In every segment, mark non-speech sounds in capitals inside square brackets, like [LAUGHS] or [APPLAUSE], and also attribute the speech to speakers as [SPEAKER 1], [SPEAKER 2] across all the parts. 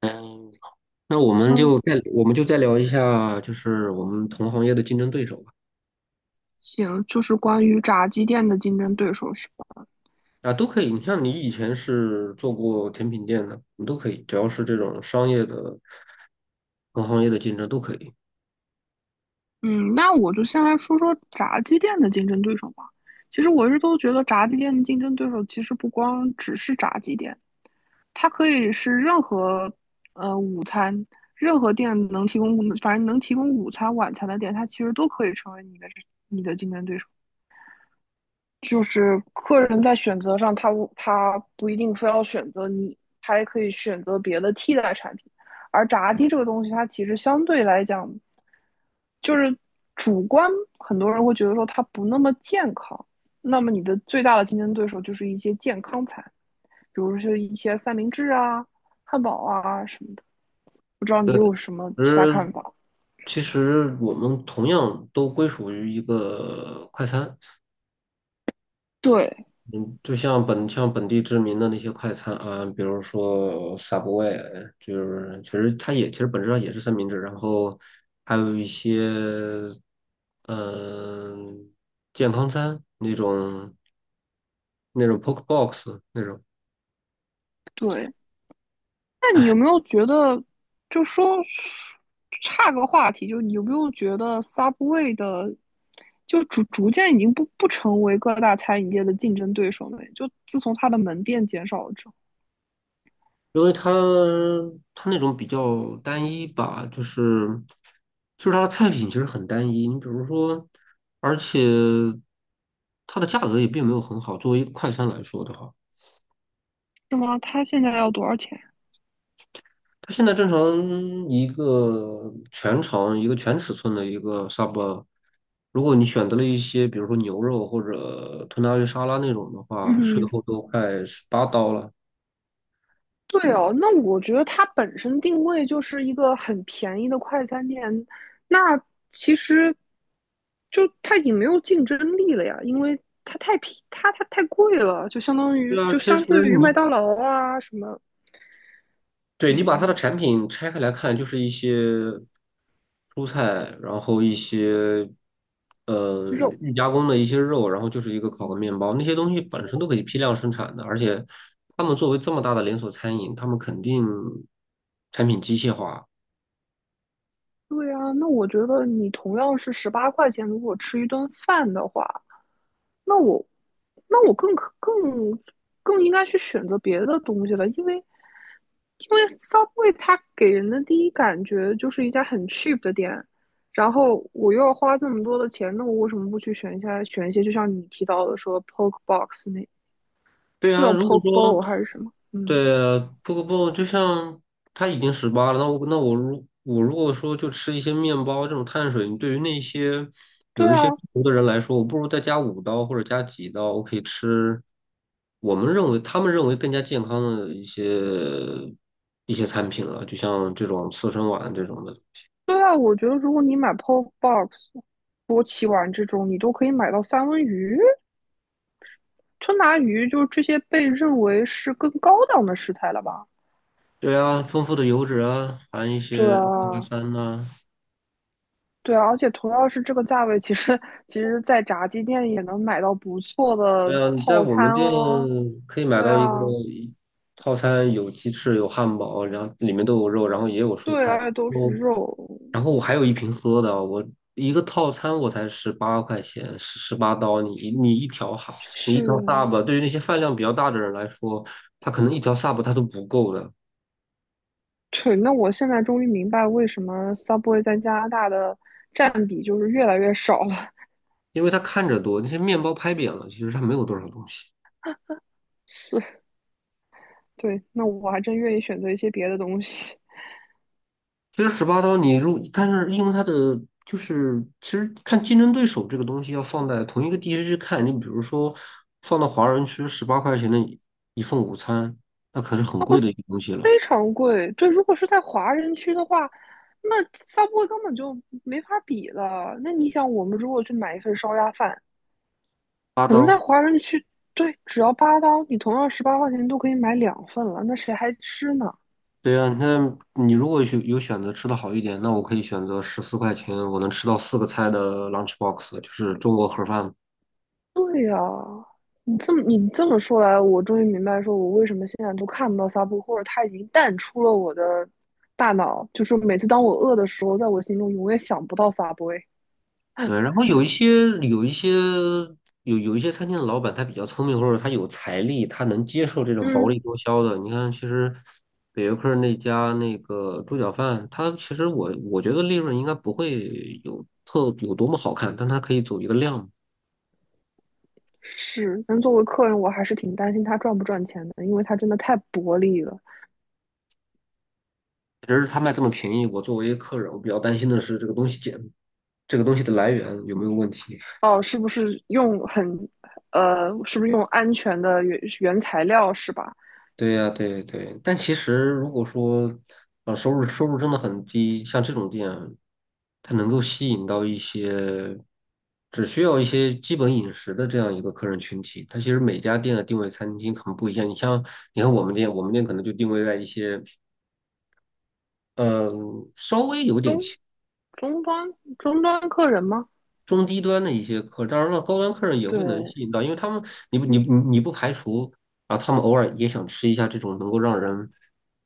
[SPEAKER 1] 嗯，那我们
[SPEAKER 2] 嗯，
[SPEAKER 1] 就再聊一下，就是我们同行业的竞争对手吧。
[SPEAKER 2] 行，就是关于炸鸡店的竞争对手是吧？
[SPEAKER 1] 啊，都可以。你像你以前是做过甜品店的，你都可以，只要是这种商业的同行业的竞争都可以。
[SPEAKER 2] 嗯，那我就先来说说炸鸡店的竞争对手吧。其实我一直都觉得炸鸡店的竞争对手其实不光只是炸鸡店，它可以是呃午餐，任何店能提供，反正能提供午餐、晚餐的店，它其实都可以成为你的竞争对手。就是客人在选择上他不一定非要选择你，他也可以选择别的替代产品。而炸鸡这个东西，它其实相对来讲，就是主观，很多人会觉得说它不那么健康。那么你的最大的竞争对手就是一些健康餐，比如说一些三明治啊、汉堡啊什么的。不知道你有什么
[SPEAKER 1] 其
[SPEAKER 2] 其他
[SPEAKER 1] 实，
[SPEAKER 2] 看法？
[SPEAKER 1] 其实我们同样都归属于一个快餐。
[SPEAKER 2] 对
[SPEAKER 1] 嗯，就像本地知名的那些快餐啊，比如说 Subway，就是其实它也其实本质上也是三明治，然后还有一些嗯、健康餐那种 poke box 那种，
[SPEAKER 2] 对，那你有没有觉得，就说差个话题，就你有没有觉得 Subway 的，就逐渐已经不成为各大餐饮业的竞争对手了？就自从它的门店减少了之后，
[SPEAKER 1] 因为它那种比较单一吧，就是它的菜品其实很单一，你比如说，而且它的价格也并没有很好，作为一个快餐来说的话。
[SPEAKER 2] 是吗？它现在要多少钱？
[SPEAKER 1] 它现在正常一个全尺寸的一个 sub，如果你选择了一些比如说牛肉或者吞拿鱼沙拉那种的话，税
[SPEAKER 2] 嗯，
[SPEAKER 1] 后都快十八刀了。
[SPEAKER 2] 对哦，那我觉得它本身定位就是一个很便宜的快餐店，那其实就它已经没有竞争力了呀，因为它太贵了，就相当于
[SPEAKER 1] 对啊，
[SPEAKER 2] 就
[SPEAKER 1] 其
[SPEAKER 2] 相
[SPEAKER 1] 实
[SPEAKER 2] 对于
[SPEAKER 1] 你
[SPEAKER 2] 麦当劳啊什么，
[SPEAKER 1] 对，你把它的
[SPEAKER 2] 嗯，
[SPEAKER 1] 产品拆开来看，就是一些蔬菜，然后一些呃
[SPEAKER 2] 肉，
[SPEAKER 1] 预加工的一些肉，然后就是一个烤个面
[SPEAKER 2] 嗯
[SPEAKER 1] 包，那些东西本身都可以批量生产的，而且他们作为这么大的连锁餐饮，他们肯定产品机械化。
[SPEAKER 2] 对啊，那我觉得你同样是十八块钱，如果吃一顿饭的话，那我，那我更可更更应该去选择别的东西了，因为 Subway 它给人的第一感觉就是一家很 cheap 的店，然后我又要花这么多的钱，那我为什么不去选一些就像你提到的说 Poke Box 那，
[SPEAKER 1] 对
[SPEAKER 2] 是
[SPEAKER 1] 啊，
[SPEAKER 2] 叫
[SPEAKER 1] 如果
[SPEAKER 2] Poke
[SPEAKER 1] 说
[SPEAKER 2] Bowl 还是什么？嗯，
[SPEAKER 1] 对啊，不不不，就像他已经十八了，那我如果说就吃一些面包这种碳水，对于那些
[SPEAKER 2] 对
[SPEAKER 1] 有一些
[SPEAKER 2] 啊，
[SPEAKER 1] 中毒的人来说，我不如再加5刀或者加几刀，我可以吃我们认为他们认为更加健康的一些餐品了，就像这种刺身丸这种的。
[SPEAKER 2] 对啊，我觉得如果你买 Pop Box、波奇丸这种，你都可以买到三文鱼、吞拿鱼，就是这些被认为是更高档的食材了吧？
[SPEAKER 1] 对啊，丰富的油脂啊，含一
[SPEAKER 2] 对
[SPEAKER 1] 些 o m e G A
[SPEAKER 2] 啊，
[SPEAKER 1] 三呐。
[SPEAKER 2] 对啊，而且同样是这个价位，其实，在炸鸡店也能买到不错的
[SPEAKER 1] 对啊，你在
[SPEAKER 2] 套
[SPEAKER 1] 我们
[SPEAKER 2] 餐
[SPEAKER 1] 店
[SPEAKER 2] 哦。
[SPEAKER 1] 可以买
[SPEAKER 2] 对
[SPEAKER 1] 到一
[SPEAKER 2] 啊，
[SPEAKER 1] 个一套餐，有鸡翅，有汉堡，然后里面都有肉，然后也有蔬
[SPEAKER 2] 对
[SPEAKER 1] 菜。
[SPEAKER 2] 啊，都是
[SPEAKER 1] 我，
[SPEAKER 2] 肉，
[SPEAKER 1] 然后我还有一瓶喝的，我一个套餐我才十八块钱，十八刀。你一条
[SPEAKER 2] 是，
[SPEAKER 1] sub，对于那些饭量比较大的人来说，他可能一条 sub 他都不够的，
[SPEAKER 2] 对。那我现在终于明白为什么 Subway 在加拿大的占比就是越来越少了，
[SPEAKER 1] 因为他看着多，那些面包拍扁了，其实他没有多少东西。
[SPEAKER 2] [LAUGHS] 是。对，那我还真愿意选择一些别的东西，
[SPEAKER 1] 其实十八刀你如，但是因为它的就是，其实看竞争对手这个东西要放在同一个地区去看，你比如说放到华人区，十八块钱的一份午餐，那可是
[SPEAKER 2] [LAUGHS]
[SPEAKER 1] 很
[SPEAKER 2] 那会
[SPEAKER 1] 贵的一个东西了，
[SPEAKER 2] 非常贵。对，如果是在华人区的话，那 Subway 根本就没法比了。那你想，我们如果去买一份烧鸭饭，
[SPEAKER 1] 八
[SPEAKER 2] 可能
[SPEAKER 1] 刀。
[SPEAKER 2] 在华人区，对，只要8刀，你同样十八块钱都可以买两份了，那谁还吃呢？
[SPEAKER 1] 对啊，看你如果有有选择吃的好一点，那我可以选择14块钱，我能吃到四个菜的 lunch box，就是中国盒饭。
[SPEAKER 2] 对呀，你这么说来，我终于明白，说我为什么现在都看不到 Subway，或者它已经淡出了我的大脑。就是每次当我饿的时候，在我心中永远想不到 Subway。哎
[SPEAKER 1] 嗯，然后有一些餐厅的老板，他比较聪明，或者他有财力，他能接受这种薄
[SPEAKER 2] 嗯，
[SPEAKER 1] 利多销的。你看，其实北约克那家那个猪脚饭，它其实我觉得利润应该不会有特有多么好看，但它可以走一个量。
[SPEAKER 2] 是，但作为客人，我还是挺担心他赚不赚钱的，因为他真的太薄利了。
[SPEAKER 1] 只是他卖这么便宜，我作为客人，我比较担心的是这个东西简这个东西的来源有没有问题。
[SPEAKER 2] 哦，是不是用安全的原材料是吧？
[SPEAKER 1] 对呀，对对，但其实如果说，啊，收入真的很低，像这种店，它能够吸引到一些只需要一些基本饮食的这样一个客人群体。它其实每家店的定位餐厅很不一样。你像，你看我们店，我们店可能就定位在一些，嗯、稍微有
[SPEAKER 2] 中
[SPEAKER 1] 点轻
[SPEAKER 2] 终端终端客人吗？
[SPEAKER 1] 中低端的一些客，当然了，高端客人也会能
[SPEAKER 2] 对
[SPEAKER 1] 吸引到，因为他们，你不排除啊，他们偶尔也想吃一下这种能够让人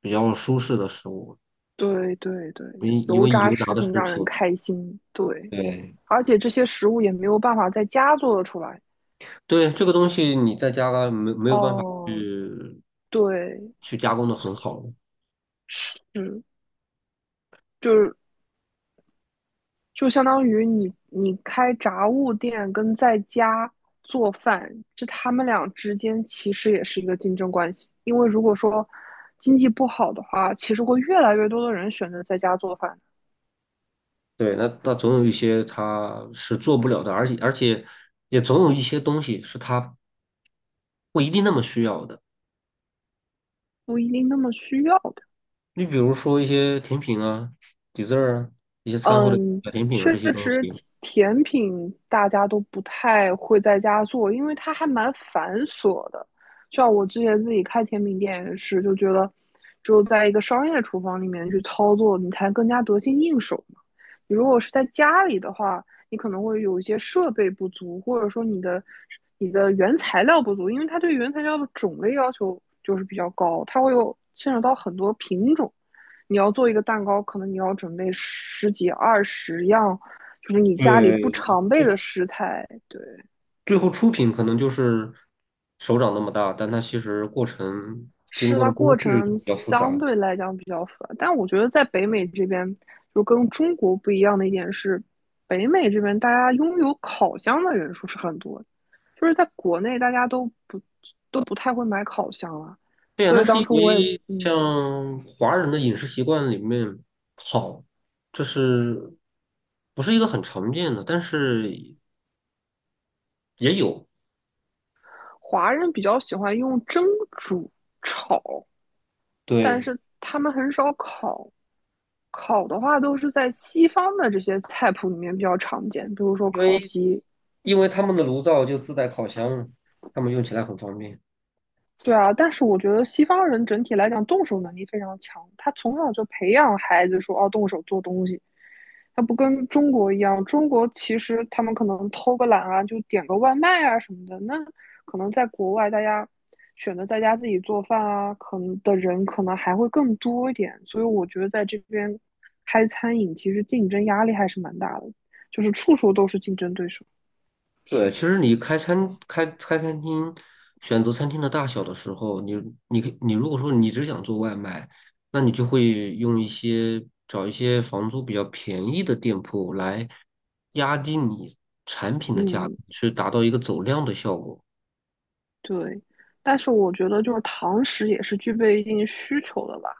[SPEAKER 1] 比较舒适的食物。
[SPEAKER 2] 对对对，
[SPEAKER 1] 因因
[SPEAKER 2] 油
[SPEAKER 1] 为
[SPEAKER 2] 炸
[SPEAKER 1] 油炸
[SPEAKER 2] 食
[SPEAKER 1] 的
[SPEAKER 2] 品
[SPEAKER 1] 食
[SPEAKER 2] 让人
[SPEAKER 1] 品，
[SPEAKER 2] 开心，对，
[SPEAKER 1] 对
[SPEAKER 2] 而且这些食物也没有办法在家做得出来。
[SPEAKER 1] 对，这个东西你在加了没有办法
[SPEAKER 2] 哦，
[SPEAKER 1] 去
[SPEAKER 2] 对，
[SPEAKER 1] 去加工的很好，
[SPEAKER 2] 嗯，就是就相当于你开杂物店跟在家做饭，这他们俩之间其实也是一个竞争关系。因为如果说经济不好的话，其实会越来越多的人选择在家做饭，
[SPEAKER 1] 对，那总有一些它是做不了的，而且也总有一些东西是它不一定那么需要的，
[SPEAKER 2] 不一定那么需要的。
[SPEAKER 1] 你比如说一些甜品啊、dessert 啊、一些餐后的
[SPEAKER 2] 嗯，
[SPEAKER 1] 小甜品啊这
[SPEAKER 2] 确
[SPEAKER 1] 些东
[SPEAKER 2] 实
[SPEAKER 1] 西，
[SPEAKER 2] 甜品大家都不太会在家做，因为它还蛮繁琐的。像我之前自己开甜品店也是，就觉得只有在一个商业厨房里面去操作，你才更加得心应手嘛。你如果是在家里的话，你可能会有一些设备不足，或者说你的原材料不足，因为它对原材料的种类要求就是比较高，它会有牵扯到很多品种。你要做一个蛋糕，可能你要准备十几二十样，就是你家里不
[SPEAKER 1] 对，
[SPEAKER 2] 常备的食材。对，
[SPEAKER 1] 最后出品可能就是手掌那么大，但它其实经
[SPEAKER 2] 试
[SPEAKER 1] 过的
[SPEAKER 2] 的
[SPEAKER 1] 工
[SPEAKER 2] 过
[SPEAKER 1] 序
[SPEAKER 2] 程
[SPEAKER 1] 比较复
[SPEAKER 2] 相
[SPEAKER 1] 杂。
[SPEAKER 2] 对来讲比较复杂，但我觉得在北美这边，就跟中国不一样的一点是，北美这边大家拥有烤箱的人数是很多的。就是在国内大家都不太会买烤箱了，
[SPEAKER 1] 对呀，
[SPEAKER 2] 所
[SPEAKER 1] 那
[SPEAKER 2] 以
[SPEAKER 1] 是
[SPEAKER 2] 当
[SPEAKER 1] 因
[SPEAKER 2] 初我也
[SPEAKER 1] 为
[SPEAKER 2] 嗯，
[SPEAKER 1] 像华人的饮食习惯里面，烤这是不是一个很常见的，但是也有。
[SPEAKER 2] 华人比较喜欢用蒸、煮、炒，但
[SPEAKER 1] 对，
[SPEAKER 2] 是他们很少烤。烤的话都是在西方的这些菜谱里面比较常见，比如说
[SPEAKER 1] 因
[SPEAKER 2] 烤
[SPEAKER 1] 为
[SPEAKER 2] 鸡，
[SPEAKER 1] 因为他们的炉灶就自带烤箱，他们用起来很方便。
[SPEAKER 2] 对啊，但是我觉得西方人整体来讲动手能力非常强，他从小就培养孩子说哦动手做东西，他不跟中国一样，中国其实他们可能偷个懒啊，就点个外卖啊什么的，那可能在国外大家选择在家自己做饭啊，可能的人可能还会更多一点，所以我觉得在这边开餐饮其实竞争压力还是蛮大的，就是处处都是竞争对手，
[SPEAKER 1] 对，其实你开餐厅，选择餐厅的大小的时候，你你可以你如果说你只想做外卖，那你就会用一些找一些房租比较便宜的店铺来压低你产品的价格，
[SPEAKER 2] 嗯。
[SPEAKER 1] 去达到一个走量的效果。
[SPEAKER 2] 对，但是我觉得就是堂食也是具备一定需求的吧，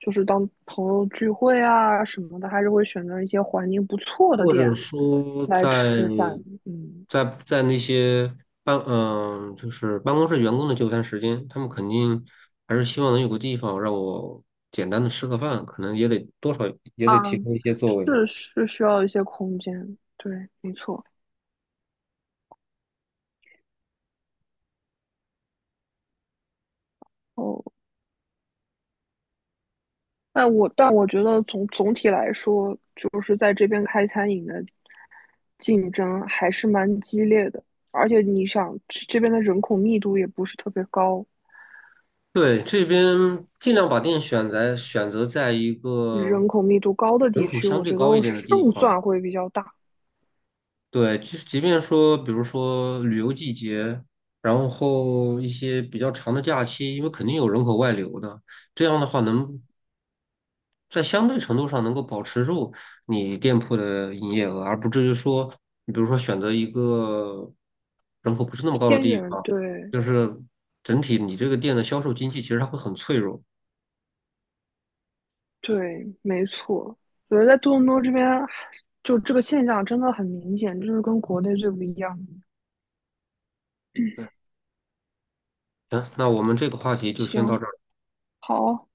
[SPEAKER 2] 就是当朋友聚会啊什么的，还是会选择一些环境不错的
[SPEAKER 1] 或者
[SPEAKER 2] 店
[SPEAKER 1] 说在
[SPEAKER 2] 来吃饭。嗯，
[SPEAKER 1] 在在那些就是办公室员工的就餐时间，他们肯定还是希望能有个地方让我简单的吃个饭，可能也得多少也得
[SPEAKER 2] 啊，
[SPEAKER 1] 提供一些座位。
[SPEAKER 2] 是需要一些空间，对，没错。哦，但我觉得总体来说，就是在这边开餐饮的竞争还是蛮激烈的，而且你想，这边的人口密度也不是特别高。
[SPEAKER 1] 对，这边尽量把店选择在一个
[SPEAKER 2] 人口密度高的
[SPEAKER 1] 人
[SPEAKER 2] 地
[SPEAKER 1] 口
[SPEAKER 2] 区，
[SPEAKER 1] 相
[SPEAKER 2] 我
[SPEAKER 1] 对
[SPEAKER 2] 觉得
[SPEAKER 1] 高一点的地
[SPEAKER 2] 胜
[SPEAKER 1] 方。
[SPEAKER 2] 算会比较大。
[SPEAKER 1] 对，即便说，比如说旅游季节，然后一些比较长的假期，因为肯定有人口外流的，这样的话能在相对程度上能够保持住你店铺的营业额，而不至于说，你比如说选择一个人口不是那么高的
[SPEAKER 2] 偏
[SPEAKER 1] 地
[SPEAKER 2] 远，
[SPEAKER 1] 方，
[SPEAKER 2] 对
[SPEAKER 1] 就是整体你这个店的销售经济其实它会很脆弱。
[SPEAKER 2] 对，没错。我觉得在多伦多这边，就这个现象真的很明显，这是跟国内最不一样的。
[SPEAKER 1] 对，行，那我们这个话题就先到
[SPEAKER 2] 行，
[SPEAKER 1] 这儿。
[SPEAKER 2] 好，